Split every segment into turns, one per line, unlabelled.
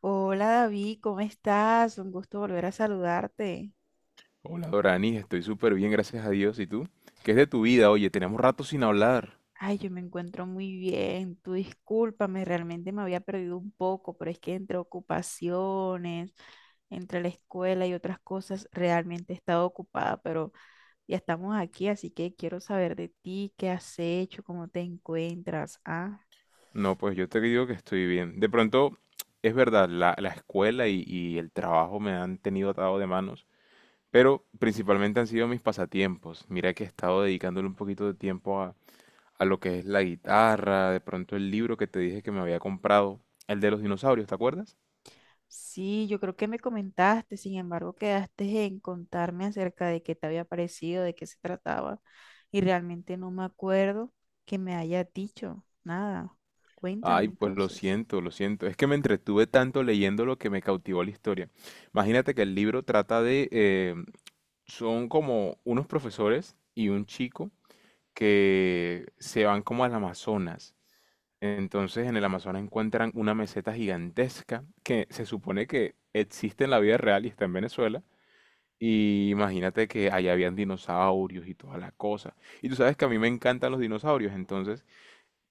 Hola David, ¿cómo estás? Un gusto volver a saludarte.
Hola Dorani, estoy súper bien, gracias a Dios. ¿Y tú? ¿Qué es de tu vida? Oye, tenemos rato sin hablar.
Ay, yo me encuentro muy bien. Tú discúlpame, realmente me había perdido un poco, pero es que entre ocupaciones, entre la escuela y otras cosas, realmente he estado ocupada, pero ya estamos aquí, así que quiero saber de ti, qué has hecho, cómo te encuentras, ¿ah?
No, pues yo te digo que estoy bien. De pronto, es verdad, la escuela y el trabajo me han tenido atado de manos, pero principalmente han sido mis pasatiempos. Mira que he estado dedicándole un poquito de tiempo a lo que es la guitarra, de pronto el libro que te dije que me había comprado, el de los dinosaurios, ¿te acuerdas?
Sí, yo creo que me comentaste, sin embargo, quedaste en contarme acerca de qué te había parecido, de qué se trataba, y realmente no me acuerdo que me haya dicho nada. Cuéntame
Ay, pues lo
entonces.
siento, lo siento. Es que me entretuve tanto leyendo lo que me cautivó la historia. Imagínate que el libro trata de, son como unos profesores y un chico que se van como al Amazonas. Entonces en el Amazonas encuentran una meseta gigantesca que se supone que existe en la vida real y está en Venezuela. Y imagínate que allá habían dinosaurios y toda la cosa. Y tú sabes que a mí me encantan los dinosaurios, entonces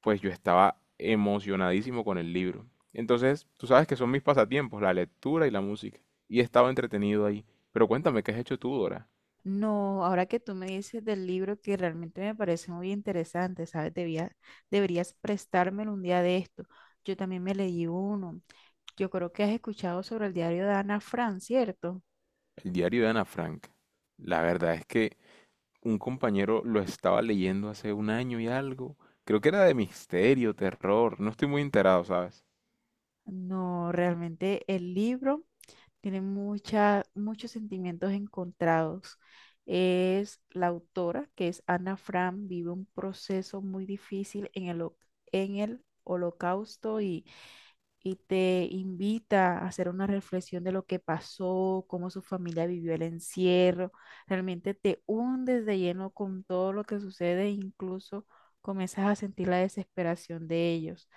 pues yo estaba emocionadísimo con el libro. Entonces tú sabes que son mis pasatiempos, la lectura y la música. Y estaba entretenido ahí. Pero cuéntame, ¿qué has hecho tú, Dora?
No, ahora que tú me dices del libro que realmente me parece muy interesante, ¿sabes? Deberías prestármelo un día de esto. Yo también me leí uno. Yo creo que has escuchado sobre el diario de Ana Frank, ¿cierto?
El diario de Ana Frank. La verdad es que un compañero lo estaba leyendo hace un año y algo. Creo que era de misterio, terror. No estoy muy enterado, ¿sabes?
No, realmente el libro tiene mucha, muchos sentimientos encontrados. Es la autora, que es Ana Frank, vive un proceso muy difícil en en el holocausto y te invita a hacer una reflexión de lo que pasó, cómo su familia vivió el encierro. Realmente te hundes de lleno con todo lo que sucede, e incluso comienzas a sentir la desesperación de ellos.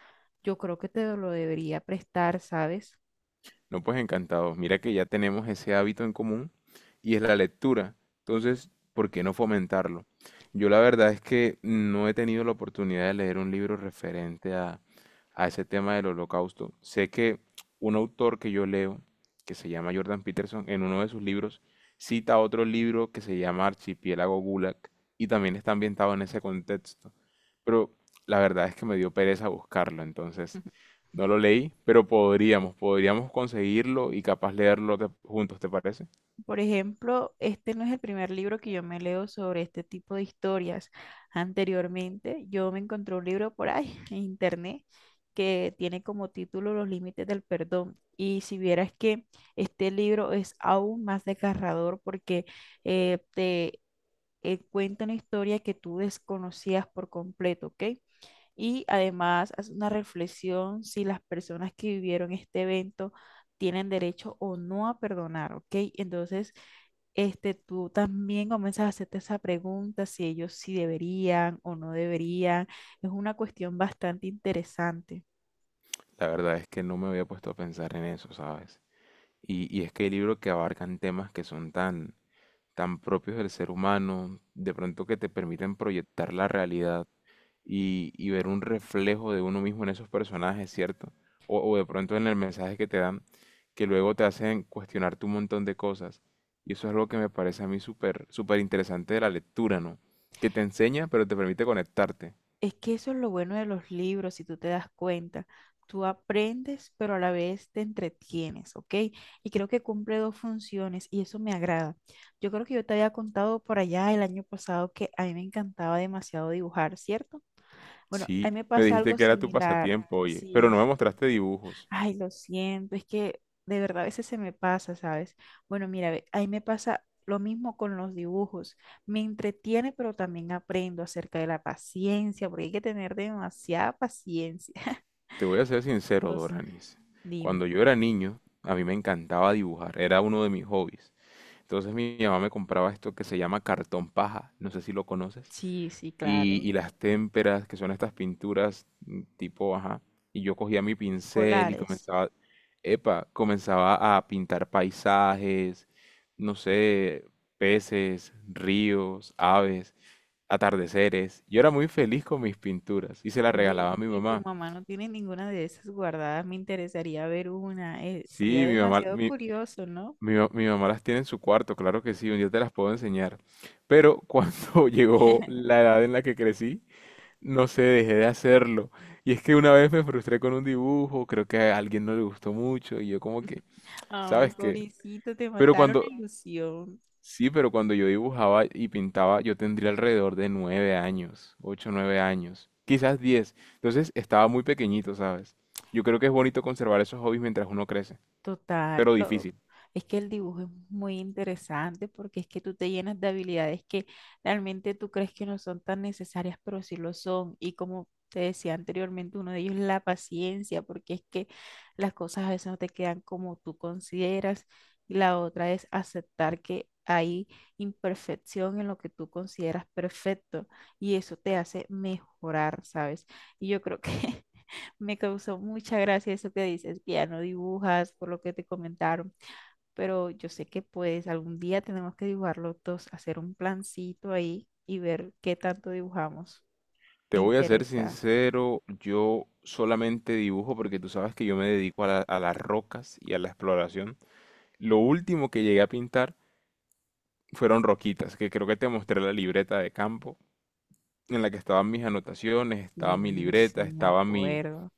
Yo creo que te lo debería prestar, ¿sabes?
No, pues encantado. Mira que ya tenemos ese hábito en común y es la lectura. Entonces, ¿por qué no fomentarlo? Yo la verdad es que no he tenido la oportunidad de leer un libro referente a ese tema del holocausto. Sé que un autor que yo leo, que se llama Jordan Peterson, en uno de sus libros cita otro libro que se llama Archipiélago Gulag y también está ambientado en ese contexto. Pero la verdad es que me dio pereza buscarlo, entonces no lo leí, pero podríamos conseguirlo y capaz leerlo juntos, ¿te parece?
Por ejemplo, este no es el primer libro que yo me leo sobre este tipo de historias. Anteriormente, yo me encontré un libro por ahí en internet que tiene como título Los límites del perdón. Y si vieras que este libro es aún más desgarrador porque te cuenta una historia que tú desconocías por completo, ¿ok? Y además hace una reflexión si las personas que vivieron este evento tienen derecho o no a perdonar, ¿ok? Entonces, este, tú también comienzas a hacerte esa pregunta si ellos sí deberían o no deberían. Es una cuestión bastante interesante.
La verdad es que no me había puesto a pensar en eso, ¿sabes? Y es que hay libros que abarcan temas que son tan, tan propios del ser humano, de pronto que te permiten proyectar la realidad y ver un reflejo de uno mismo en esos personajes, ¿cierto? O de pronto en el mensaje que te dan, que luego te hacen cuestionarte un montón de cosas. Y eso es algo que me parece a mí súper, súper interesante de la lectura, ¿no? Que te enseña, pero te permite conectarte.
Es que eso es lo bueno de los libros, si tú te das cuenta. Tú aprendes, pero a la vez te entretienes, ¿ok? Y creo que cumple dos funciones y eso me agrada. Yo creo que yo te había contado por allá el año pasado que a mí me encantaba demasiado dibujar, ¿cierto? Bueno, a
Sí,
mí me
me
pasa
dijiste
algo
que era tu
similar.
pasatiempo, oye, pero
Sí.
no me mostraste dibujos.
Ay, lo siento, es que de verdad a veces se me pasa, ¿sabes? Bueno, mira, ve, ahí me pasa lo mismo con los dibujos. Me entretiene, pero también aprendo acerca de la paciencia, porque hay que tener demasiada paciencia.
Te voy a ser sincero,
Pues,
Doranis.
dime.
Cuando yo era niño, a mí me encantaba dibujar, era uno de mis hobbies. Entonces mi mamá me compraba esto que se llama cartón paja, no sé si lo conoces,
Sí, sí,
y
claro.
las témperas, que son estas pinturas tipo, ajá, y yo cogía mi pincel y
Escolares.
comenzaba, comenzaba a pintar paisajes, no sé, peces, ríos, aves, atardeceres. Yo era muy feliz con mis pinturas y se las
Oye,
regalaba a mi
¿y tu
mamá.
mamá no tiene ninguna de esas guardadas? Me interesaría ver una. Sería
Sí, mi mamá,
demasiado
mi,
curioso, ¿no?
Mi, ma- mi mamá las tiene en su cuarto, claro que sí, un día te las puedo enseñar. Pero cuando llegó la edad en la que crecí, no sé, dejé de hacerlo. Y es que una vez me frustré con un dibujo, creo que a alguien no le gustó mucho y yo como que,
Ay,
¿sabes qué?
pobrecito, te
Pero
mataron la
cuando,
ilusión.
sí, pero cuando yo dibujaba y pintaba, yo tendría alrededor de 9 años, 8, 9 años, quizás 10. Entonces estaba muy pequeñito, ¿sabes? Yo creo que es bonito conservar esos hobbies mientras uno crece,
Total,
pero
lo-
difícil.
es que el dibujo es muy interesante porque es que tú te llenas de habilidades que realmente tú crees que no son tan necesarias, pero sí lo son. Y como te decía anteriormente, uno de ellos es la paciencia, porque es que las cosas a veces no te quedan como tú consideras. Y la otra es aceptar que hay imperfección en lo que tú consideras perfecto y eso te hace mejorar, ¿sabes? Y yo creo que me causó mucha gracia eso que dices, que ya no dibujas por lo que te comentaron, pero yo sé que pues algún día tenemos que dibujar los dos, hacer un plancito ahí y ver qué tanto dibujamos.
Te
Me
voy a ser
interesa.
sincero, yo solamente dibujo porque tú sabes que yo me dedico a a las rocas y a la exploración. Lo último que llegué a pintar fueron roquitas, que creo que te mostré la libreta de campo en la que estaban mis anotaciones, estaba mi
Sí,
libreta,
sí, me
estaba mi,
acuerdo.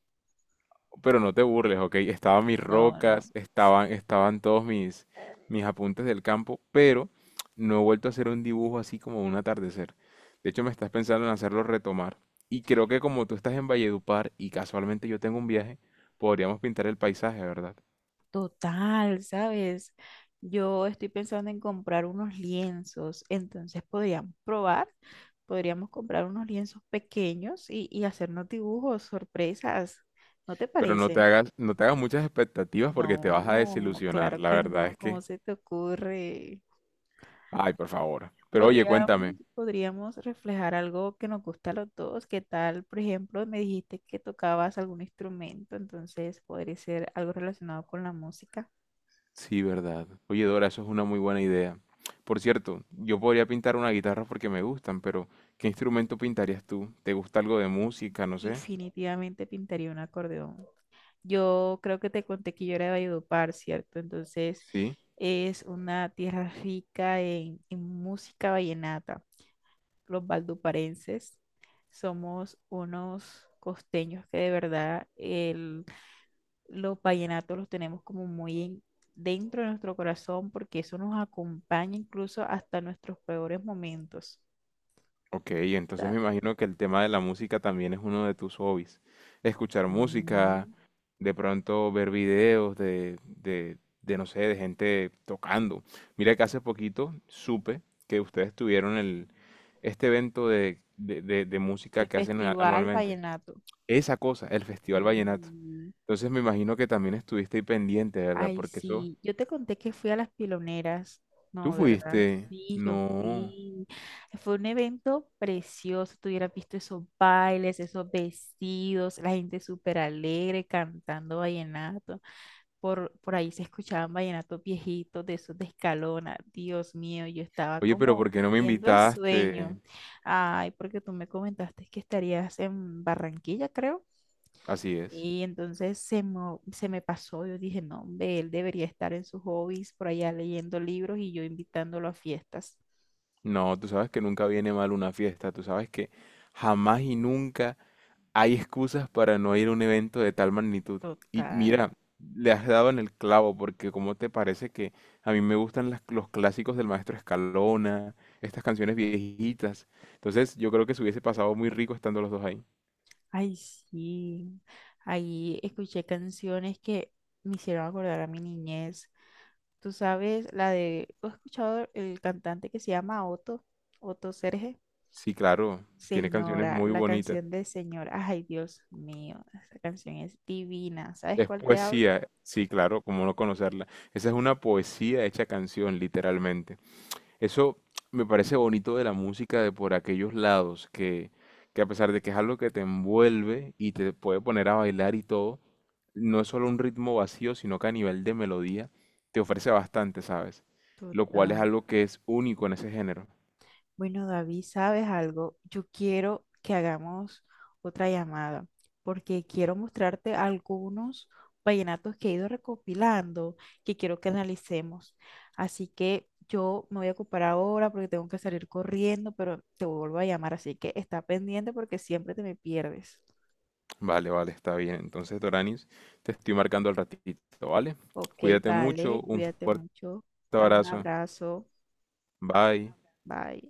pero no te burles, ¿ok? Estaban mis
No, no.
rocas, estaban todos mis, mis apuntes del campo, pero no he vuelto a hacer un dibujo así como un atardecer. De hecho, me estás pensando en hacerlo retomar. Y creo que como tú estás en Valledupar y casualmente yo tengo un viaje, podríamos pintar el paisaje, ¿verdad?
Total, ¿sabes? Yo estoy pensando en comprar unos lienzos, entonces podríamos probar, podríamos comprar unos lienzos pequeños y hacernos dibujos, sorpresas. ¿No te
Pero no te
parece?
hagas, no te hagas muchas expectativas porque te vas a
No,
desilusionar.
claro
La
que
verdad
no,
es
¿cómo
que,
se te ocurre?
ay, por favor. Pero oye,
Podríamos,
cuéntame,
podríamos reflejar algo que nos gusta a los dos. ¿Qué tal? Por ejemplo, me dijiste que tocabas algún instrumento, entonces podría ser algo relacionado con la música.
sí, verdad. Oye, Dora, eso es una muy buena idea. Por cierto, yo podría pintar una guitarra porque me gustan, pero ¿qué instrumento pintarías tú? ¿Te gusta algo de música? No sé.
Definitivamente pintaría un acordeón. Yo creo que te conté que yo era de Valledupar, ¿cierto? Entonces
Sí.
es una tierra rica en música vallenata. Los valduparenses somos unos costeños que de verdad los vallenatos los tenemos como muy dentro de nuestro corazón porque eso nos acompaña incluso hasta nuestros peores momentos.
Ok,
O
entonces
sea,
me imagino que el tema de la música también es uno de tus hobbies. Escuchar
sí,
música, de pronto ver videos de no sé, de gente tocando. Mira que hace poquito supe que ustedes tuvieron este evento de
el
música que hacen
Festival
anualmente.
Vallenato.
Esa cosa, el Festival Vallenato.
Sí.
Entonces me imagino que también estuviste ahí pendiente, ¿verdad?
Ay,
Porque eso,
sí, yo te conté que fui a las piloneras,
tú
¿no, verdad?
fuiste.
Sí, yo
No.
fui. Fue un evento precioso, tú hubieras visto esos bailes, esos vestidos, la gente súper alegre cantando vallenato. Por ahí se escuchaban vallenatos viejitos de esos de Escalona. Dios mío, yo estaba
Oye, pero
como
¿por qué no me
viendo el
invitaste?
sueño. Ay, porque tú me comentaste que estarías en Barranquilla, creo.
Así es.
Y entonces se me pasó, yo dije, no, hombre, él debería estar en sus hobbies, por allá leyendo libros y yo invitándolo a fiestas.
No, tú sabes que nunca viene mal una fiesta. Tú sabes que jamás y nunca hay excusas para no ir a un evento de tal magnitud. Y
Total.
mira, le has dado en el clavo, porque ¿cómo te parece que a mí me gustan los clásicos del maestro Escalona, estas canciones viejitas? Entonces yo creo que se hubiese pasado muy rico estando los dos ahí.
Ay, sí. Ahí escuché canciones que me hicieron acordar a mi niñez. Tú sabes, la de, ¿tú has escuchado el cantante que se llama Otto? Otto Serge.
Sí, claro, tiene canciones
Señora,
muy
la
bonitas.
canción de Señora. Ay, Dios mío, esa canción es divina. ¿Sabes
Es
cuál te hablo?
poesía, sí, claro, cómo no conocerla. Esa es una poesía hecha canción, literalmente. Eso me parece bonito de la música de por aquellos lados, que a pesar de que es algo que te envuelve y te puede poner a bailar y todo, no es solo un ritmo vacío, sino que a nivel de melodía te ofrece bastante, ¿sabes? Lo cual es
Total.
algo que es único en ese género.
Bueno, David, ¿sabes algo? Yo quiero que hagamos otra llamada porque quiero mostrarte algunos vallenatos que he ido recopilando que quiero que analicemos. Así que yo me voy a ocupar ahora porque tengo que salir corriendo, pero te vuelvo a llamar, así que está pendiente porque siempre te me pierdes.
Vale, vale, está bien. Entonces, Doranis, te estoy marcando al ratito, ¿vale?
Ok,
Cuídate mucho,
vale,
un
cuídate
fuerte
mucho. Un
abrazo.
abrazo.
Bye.
Bye.